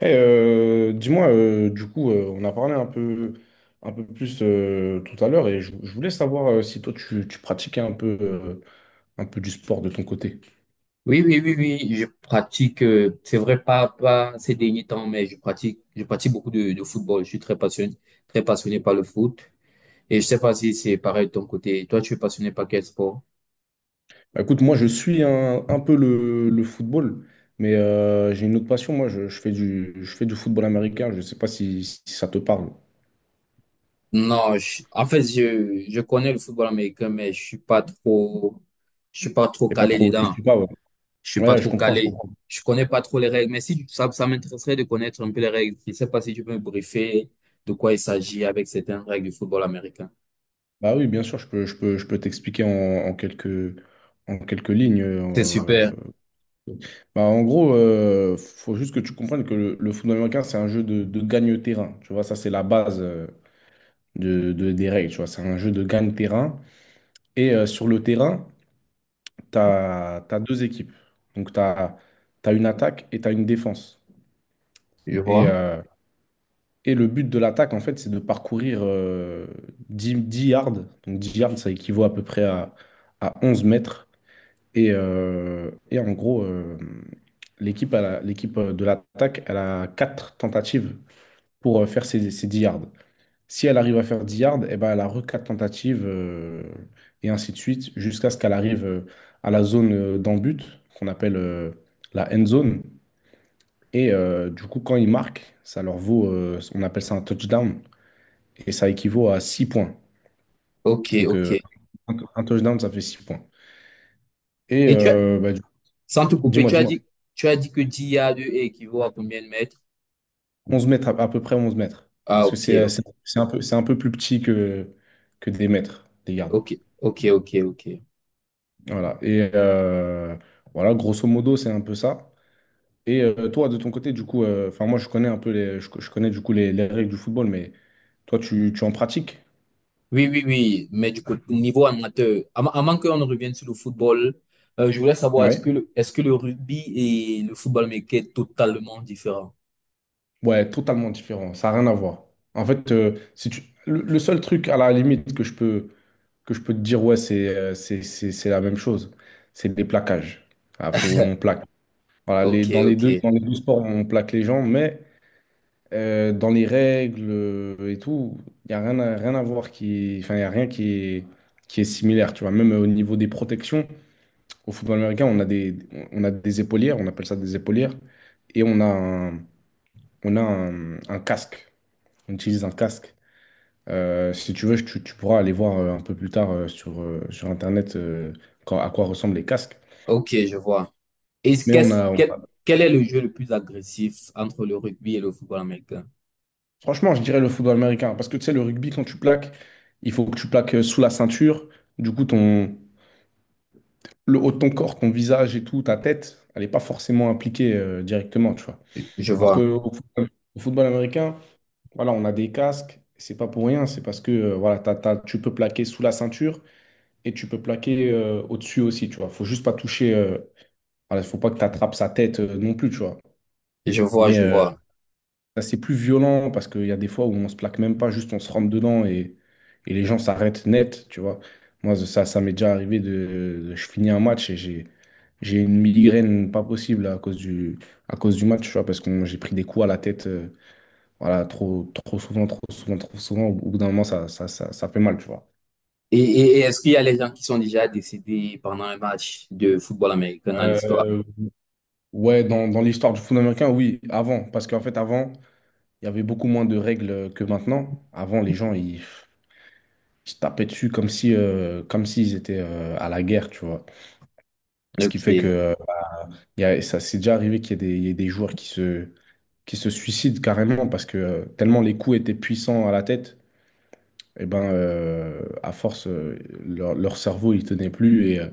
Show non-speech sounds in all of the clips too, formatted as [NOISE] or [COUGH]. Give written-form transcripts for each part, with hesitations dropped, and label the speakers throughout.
Speaker 1: Hey, dis-moi, du coup, on a parlé un peu plus tout à l'heure et je voulais savoir si toi tu pratiquais un peu du sport de ton côté.
Speaker 2: Oui, oui, oui, oui, je pratique, c'est vrai, pas ces derniers temps, mais je pratique beaucoup de football. Je suis très passionné par le foot. Et je sais pas si c'est pareil de ton côté. Toi, tu es passionné par quel sport?
Speaker 1: Bah, écoute, moi je suis un peu le football, mais j'ai une autre passion. Moi, je fais du football américain. Je ne sais pas si ça te parle.
Speaker 2: Non, en fait, je connais le football américain, mais je suis pas trop
Speaker 1: Et pas
Speaker 2: calé
Speaker 1: trop, tu
Speaker 2: dedans.
Speaker 1: suis pas. Ouais,
Speaker 2: Je suis pas
Speaker 1: ouais, je
Speaker 2: trop
Speaker 1: comprends, je
Speaker 2: calé.
Speaker 1: comprends.
Speaker 2: Je connais pas trop les règles, mais si tu- ça m'intéresserait de connaître un peu les règles. Je sais pas si tu peux me briefer de quoi il s'agit avec certaines règles du football américain.
Speaker 1: Bah oui, bien sûr, je peux t'expliquer en quelques lignes.
Speaker 2: C'est super.
Speaker 1: Bah, en gros, faut juste que tu comprennes que le football américain, c'est un jeu de gagne-terrain. Tu vois, ça, c'est la base des règles. Tu vois, c'est un jeu de gagne-terrain. Et sur le terrain, tu as deux équipes. Donc, tu as une attaque et tu as une défense.
Speaker 2: Je
Speaker 1: Et,
Speaker 2: vois.
Speaker 1: euh, et le but de l'attaque, en fait, c'est de parcourir 10 yards. Donc, 10 yards, ça équivaut à peu près à 11 mètres. Et en gros, l'équipe de l'attaque, elle a quatre tentatives pour faire ses 10 yards. Si elle arrive à faire 10 yards, eh ben, elle a re quatre tentatives et ainsi de suite jusqu'à ce qu'elle arrive à la zone d'en-but qu'on appelle la end zone. Et du coup, quand ils marquent, ça leur vaut, on appelle ça un touchdown et ça équivaut à 6 points.
Speaker 2: Ok,
Speaker 1: Donc,
Speaker 2: ok.
Speaker 1: un touchdown, ça fait 6 points. Et
Speaker 2: Et tu as,
Speaker 1: bah,
Speaker 2: sans te couper,
Speaker 1: dis-moi, dis-moi.
Speaker 2: tu as dit que 10 yards équivaut à combien de mètres?
Speaker 1: 11 mètres, à peu près 11 mètres.
Speaker 2: Ah,
Speaker 1: Parce que
Speaker 2: ok, ok,
Speaker 1: c'est un peu plus petit que des mètres, des gardes.
Speaker 2: ok, ok, ok, ok.
Speaker 1: Voilà. Et voilà, grosso modo, c'est un peu ça. Et toi, de ton côté, du coup, enfin, moi, je connais un peu je connais du coup les règles du football, mais toi, tu en pratiques?
Speaker 2: Oui, oui, oui. Mais du coup, niveau amateur, avant qu'on ne revienne sur le football, je voulais savoir,
Speaker 1: Ouais.
Speaker 2: est-ce que le rugby et le football américain est totalement différent?
Speaker 1: Ouais, totalement différent. Ça n'a rien à voir. En fait, si tu, le seul truc à la limite que je peux te dire, ouais, c'est la même chose, c'est les plaquages. Ah, on plaque. Voilà, les,
Speaker 2: Ok, ok,
Speaker 1: dans les deux sports, on plaque les gens, mais dans les règles et tout, il n'y a rien à voir qui, enfin, y a rien qui est similaire, tu vois. Même au niveau des protections, au football américain, on a des épaulières, on appelle ça des épaulières, et un casque. On utilise un casque. Si tu veux, tu pourras aller voir un peu plus tard sur Internet à quoi ressemblent les casques.
Speaker 2: ok, je vois. Et
Speaker 1: Mais on
Speaker 2: qu'est-ce,
Speaker 1: a.
Speaker 2: quel, quel est le jeu le plus agressif entre le rugby et le football américain?
Speaker 1: Franchement, je dirais le football américain. Parce que tu sais, le rugby, quand tu plaques, il faut que tu plaques sous la ceinture. Du coup, le haut de ton corps, ton visage et tout, ta tête, elle n'est pas forcément impliquée directement, tu vois.
Speaker 2: Je
Speaker 1: Alors que
Speaker 2: vois,
Speaker 1: au football américain, voilà, on a des casques. C'est pas pour rien. C'est parce que voilà, tu peux plaquer sous la ceinture et tu peux plaquer au-dessus aussi, tu vois. Faut juste pas toucher. Voilà, faut pas que tu attrapes sa tête non plus, tu vois.
Speaker 2: je vois,
Speaker 1: Mais
Speaker 2: je vois.
Speaker 1: assez plus violent parce qu'il y a des fois où on se plaque même pas, juste on se rentre dedans et les gens s'arrêtent net, tu vois. Moi, ça m'est déjà arrivé je finis un match et j'ai une migraine pas possible à cause du match, tu vois, parce que j'ai pris des coups à la tête, voilà, trop, trop souvent, trop souvent, trop souvent. Au bout d'un moment, ça fait mal, tu vois.
Speaker 2: Et est-ce qu'il y a les gens qui sont déjà décédés pendant un match de football américain dans l'histoire?
Speaker 1: Euh, ouais, dans l'histoire du foot américain, oui, avant, parce qu'en fait, avant, il y avait beaucoup moins de règles que maintenant. Avant, les gens, ils, se tapaient dessus comme si, comme s'ils étaient à la guerre, tu vois. Ce qui
Speaker 2: Ok,
Speaker 1: fait que ça s'est déjà arrivé qu'il y ait il y ait des joueurs qui se suicident carrément parce que tellement les coups étaient puissants à la tête, et ben, à force, leur cerveau, il tenait plus et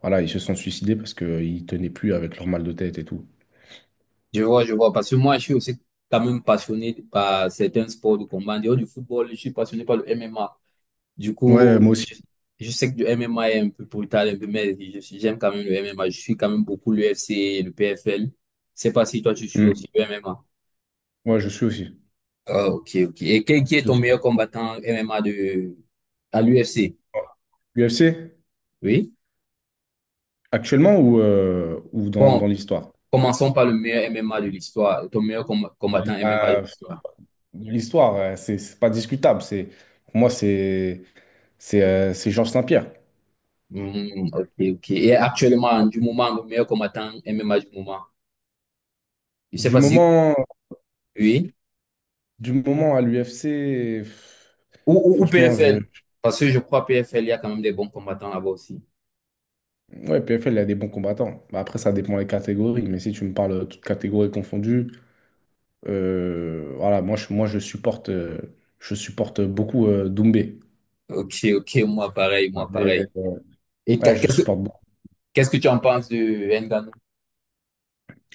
Speaker 1: voilà, ils se sont suicidés parce qu'ils tenaient plus avec leur mal de tête et tout.
Speaker 2: je vois, je vois. Parce que moi, je suis aussi quand même passionné par certains sports de combat. En dehors du football, je suis passionné par le MMA. Du
Speaker 1: Ouais,
Speaker 2: coup,
Speaker 1: moi aussi.
Speaker 2: je sais que le MMA est un peu brutal, un peu, mais j'aime quand même le MMA. Je suis quand même beaucoup l'UFC, le PFL. Je sais pas si toi, tu suis
Speaker 1: Mm.
Speaker 2: aussi le MMA.
Speaker 1: Ouais, je suis aussi.
Speaker 2: Ah, ok, ok. Et
Speaker 1: Je
Speaker 2: qui est
Speaker 1: suis
Speaker 2: ton
Speaker 1: aussi.
Speaker 2: meilleur combattant MMA à l'UFC?
Speaker 1: UFC,
Speaker 2: Oui?
Speaker 1: actuellement ou dans
Speaker 2: Bon,
Speaker 1: l'histoire?
Speaker 2: commençons par le meilleur MMA de l'histoire, ton meilleur combattant MMA de l'histoire.
Speaker 1: L'histoire, c'est pas discutable. Pour moi, c'est Georges Saint-Pierre.
Speaker 2: Hmm, ok, ok. Et actuellement, du moment, le meilleur combattant MMA du moment. Je sais
Speaker 1: Du
Speaker 2: pas si
Speaker 1: moment,
Speaker 2: oui.
Speaker 1: du moment à l'UFC,
Speaker 2: Ou
Speaker 1: franchement,
Speaker 2: PFL. Parce que je crois PFL, il y a quand même des bons combattants là-bas aussi.
Speaker 1: ouais, PFL, il y a des bons combattants. Bah, après, ça dépend des catégories. Mais si tu me parles de toutes catégories confondues, voilà, moi, je supporte beaucoup Doumbé.
Speaker 2: Ok, ok, moi pareil,
Speaker 1: Ouais.
Speaker 2: moi
Speaker 1: Mais,
Speaker 2: pareil. Et
Speaker 1: ouais, je supporte beaucoup.
Speaker 2: qu'est-ce que tu en penses de Ngannou?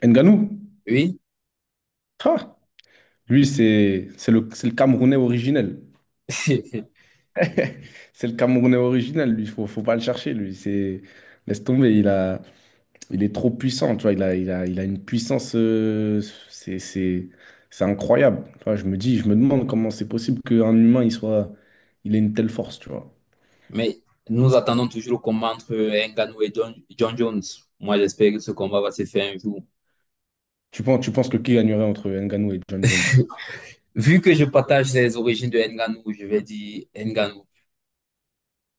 Speaker 1: Ngannou,
Speaker 2: Oui,
Speaker 1: ah, lui, c'est le Camerounais originel.
Speaker 2: [LAUGHS]
Speaker 1: [LAUGHS] C'est le Camerounais original, lui. Faut pas le chercher, lui. C'est... Laisse tomber, il a... il est trop puissant, tu vois. Il a une puissance. C'est, c'est, c'est incroyable. Tu vois, je me demande comment c'est possible qu'un humain, il soit. Il ait une telle force, tu vois.
Speaker 2: mais nous attendons toujours le combat entre Ngannou et John Jones. Moi, j'espère que ce combat va se faire un jour.
Speaker 1: Tu penses que qui gagnerait entre Ngannou et John Jones?
Speaker 2: Vu que je partage les origines de Ngannou, je vais dire Ngannou.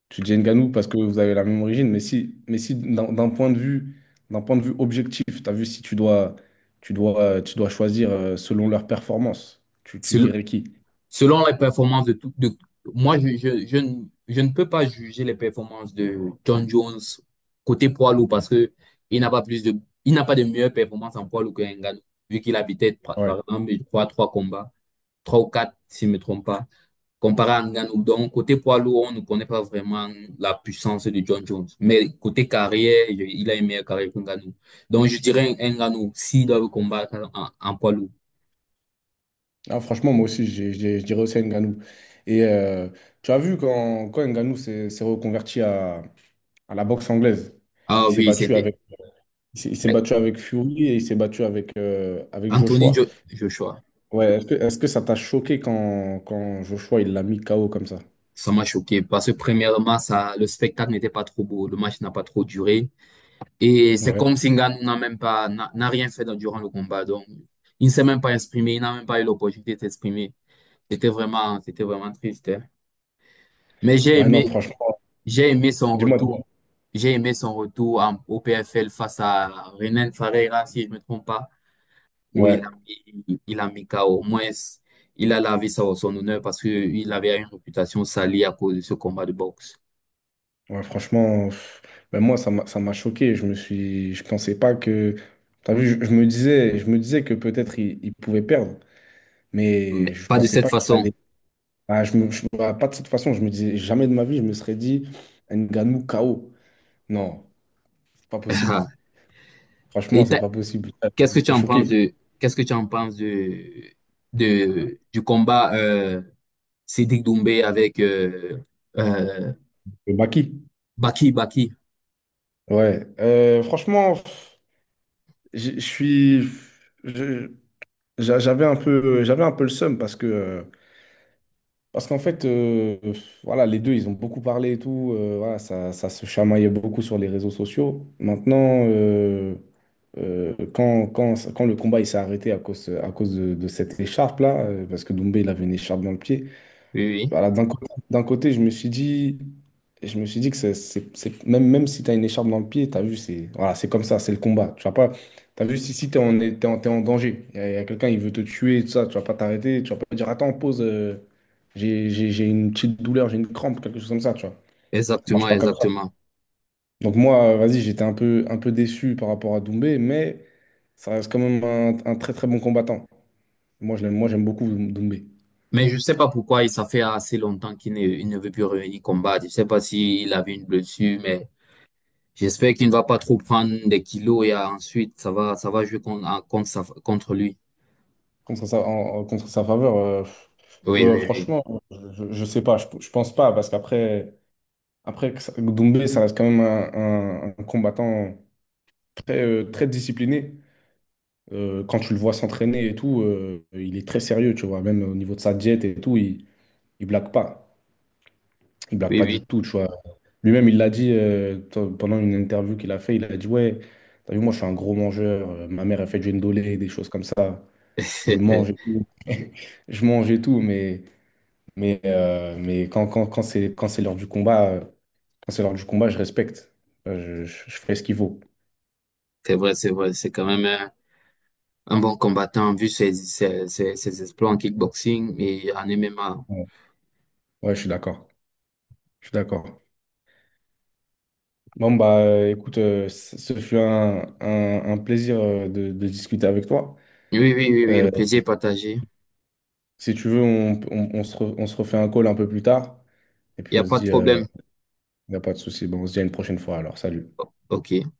Speaker 1: Tu dis Ngannou parce que vous avez la même origine, mais si d'un point de vue objectif, tu as vu si tu dois, tu dois choisir selon leur performance, tu
Speaker 2: Sel-
Speaker 1: dirais qui?
Speaker 2: Selon les performances de tout, moi, je ne peux pas juger les performances de John Jones côté poids lourd parce que il n'a pas plus de, il n'a pas de meilleure performance en poids lourd que Ngannou, vu qu'il a peut-être,
Speaker 1: Ouais.
Speaker 2: par exemple, je crois, trois combats, trois ou quatre, si je ne me trompe pas. Comparé à Ngannou. Donc, côté poids lourd, on ne connaît pas vraiment la puissance de John Jones. Mais côté carrière, il a une meilleure carrière que Ngannou. Donc, je dirais un Ngannou, s'il doit le combattre en poids lourd.
Speaker 1: Ah, franchement, moi aussi, je dirais aussi Ngannou. Et tu as vu quand Ngannou s'est reconverti à la boxe anglaise,
Speaker 2: Ah
Speaker 1: il s'est
Speaker 2: oui,
Speaker 1: battu
Speaker 2: c'était
Speaker 1: avec, il s'est
Speaker 2: eh,
Speaker 1: battu avec Fury et il s'est battu avec
Speaker 2: Anthony
Speaker 1: Joshua.
Speaker 2: Joshua.
Speaker 1: Ouais, est-ce que ça t'a choqué quand Joshua il l'a mis KO comme ça?
Speaker 2: Ça m'a choqué parce que premièrement, ça, le spectacle n'était pas trop beau. Le match n'a pas trop duré. Et c'est
Speaker 1: Ouais.
Speaker 2: comme si Ngannou n'a même pas, n'a rien fait durant le combat. Donc, il ne s'est même pas exprimé. Il n'a même pas eu l'opportunité de s'exprimer. C'était vraiment triste. Hein. Mais
Speaker 1: Ouais, non, franchement,
Speaker 2: j'ai aimé son
Speaker 1: dis-moi, dis-moi.
Speaker 2: retour. J'ai aimé son retour au PFL face à Renan Ferreira, si je ne me trompe pas, où il a,
Speaker 1: Ouais,
Speaker 2: il, il a mis KO. Au moins, il a lavé son honneur parce qu'il avait une réputation salie à cause de ce combat de boxe.
Speaker 1: ouais, franchement, ben moi, ça m'a choqué. Je pensais pas que. T'as vu, je me disais que peut-être il pouvait perdre, mais
Speaker 2: Mais
Speaker 1: je
Speaker 2: pas de
Speaker 1: pensais
Speaker 2: cette
Speaker 1: pas qu'il
Speaker 2: façon.
Speaker 1: allait. Ah, bah, pas de cette façon, je me disais jamais de ma vie, je me serais dit Ngannou KO. Non, c'est pas possible.
Speaker 2: [LAUGHS]
Speaker 1: Franchement,
Speaker 2: Et
Speaker 1: c'est
Speaker 2: t'as-
Speaker 1: pas possible. Ah,
Speaker 2: qu'est-ce que tu
Speaker 1: j'étais
Speaker 2: en penses
Speaker 1: choqué.
Speaker 2: de, qu'est-ce que tu en penses du combat Siddik Doumbé avec euh,
Speaker 1: Le Baki.
Speaker 2: Baki Baki?
Speaker 1: Ouais. Franchement, pff, je suis. Je- j'a- J'avais un peu le seum parce que parce qu'en fait, voilà, les deux, ils ont beaucoup parlé et tout. Voilà, ça se chamaillait beaucoup sur les réseaux sociaux. Maintenant, quand le combat il s'est arrêté à cause de cette écharpe-là, parce que Doumbé, il avait une écharpe dans le pied,
Speaker 2: Oui, oui,
Speaker 1: voilà, d'un côté, je me suis dit que même si tu as une écharpe dans le pied, tu as vu, c'est voilà, c'est comme ça, c'est le combat. Tu vas pas, tu as vu, si t'es en danger, y a quelqu'un, il veut te tuer, tout ça, tu vas pas t'arrêter, tu vas pas dire, attends, pause, j'ai une petite douleur, j'ai une crampe, quelque chose comme ça, tu vois. Ça marche
Speaker 2: exactement,
Speaker 1: pas comme ça.
Speaker 2: exactement.
Speaker 1: Donc moi, vas-y, un peu déçu par rapport à Doumbé, mais ça reste quand même un très très bon combattant. Moi, je l'aime, moi, j'aime beaucoup Doumbé.
Speaker 2: Mais je sais pas pourquoi il ça fait assez longtemps qu'il ne veut plus revenir combattre. Je sais pas s'il avait une blessure, mais j'espère qu'il ne va pas trop prendre des kilos et ensuite ça va jouer contre en- contre, sa- contre lui.
Speaker 1: Contre sa contre sa faveur,
Speaker 2: Oui, oui, oui.
Speaker 1: franchement, je ne sais pas, je pense pas, parce qu'après après que Doumbé, ça reste quand même un combattant très, très discipliné. Quand tu le vois s'entraîner et tout, il est très sérieux, tu vois, même au niveau de sa diète et tout, il blague pas. Il blague
Speaker 2: Oui,
Speaker 1: pas du
Speaker 2: oui.
Speaker 1: tout, tu vois. Lui-même, il l'a dit pendant une interview qu'il a fait, il a dit, ouais, t'as vu, moi, je suis un gros mangeur, ma mère, elle fait du ndolé, des choses comme ça, je mange et
Speaker 2: [LAUGHS]
Speaker 1: tout. [LAUGHS] Je mange et tout, mais... mais quand c'est l'heure du combat, je respecte. Je fais ce qu'il faut.
Speaker 2: C'est vrai, c'est vrai. C'est quand même un bon combattant vu ses exploits en kickboxing et en MMA.
Speaker 1: Ouais, ouais, je suis d'accord. Je suis d'accord. Bon, bah, écoute, ce fut un plaisir de discuter avec toi.
Speaker 2: Oui, oui, oui, oui. Le
Speaker 1: Euh,
Speaker 2: plaisir est partagé.
Speaker 1: Si tu veux, on se refait un call un peu plus tard. Et
Speaker 2: Il
Speaker 1: puis,
Speaker 2: n'y
Speaker 1: on
Speaker 2: a
Speaker 1: se
Speaker 2: pas de
Speaker 1: dit, il
Speaker 2: problème.
Speaker 1: n'y a pas de souci. Bon, on se dit à une prochaine fois. Alors, salut.
Speaker 2: OK.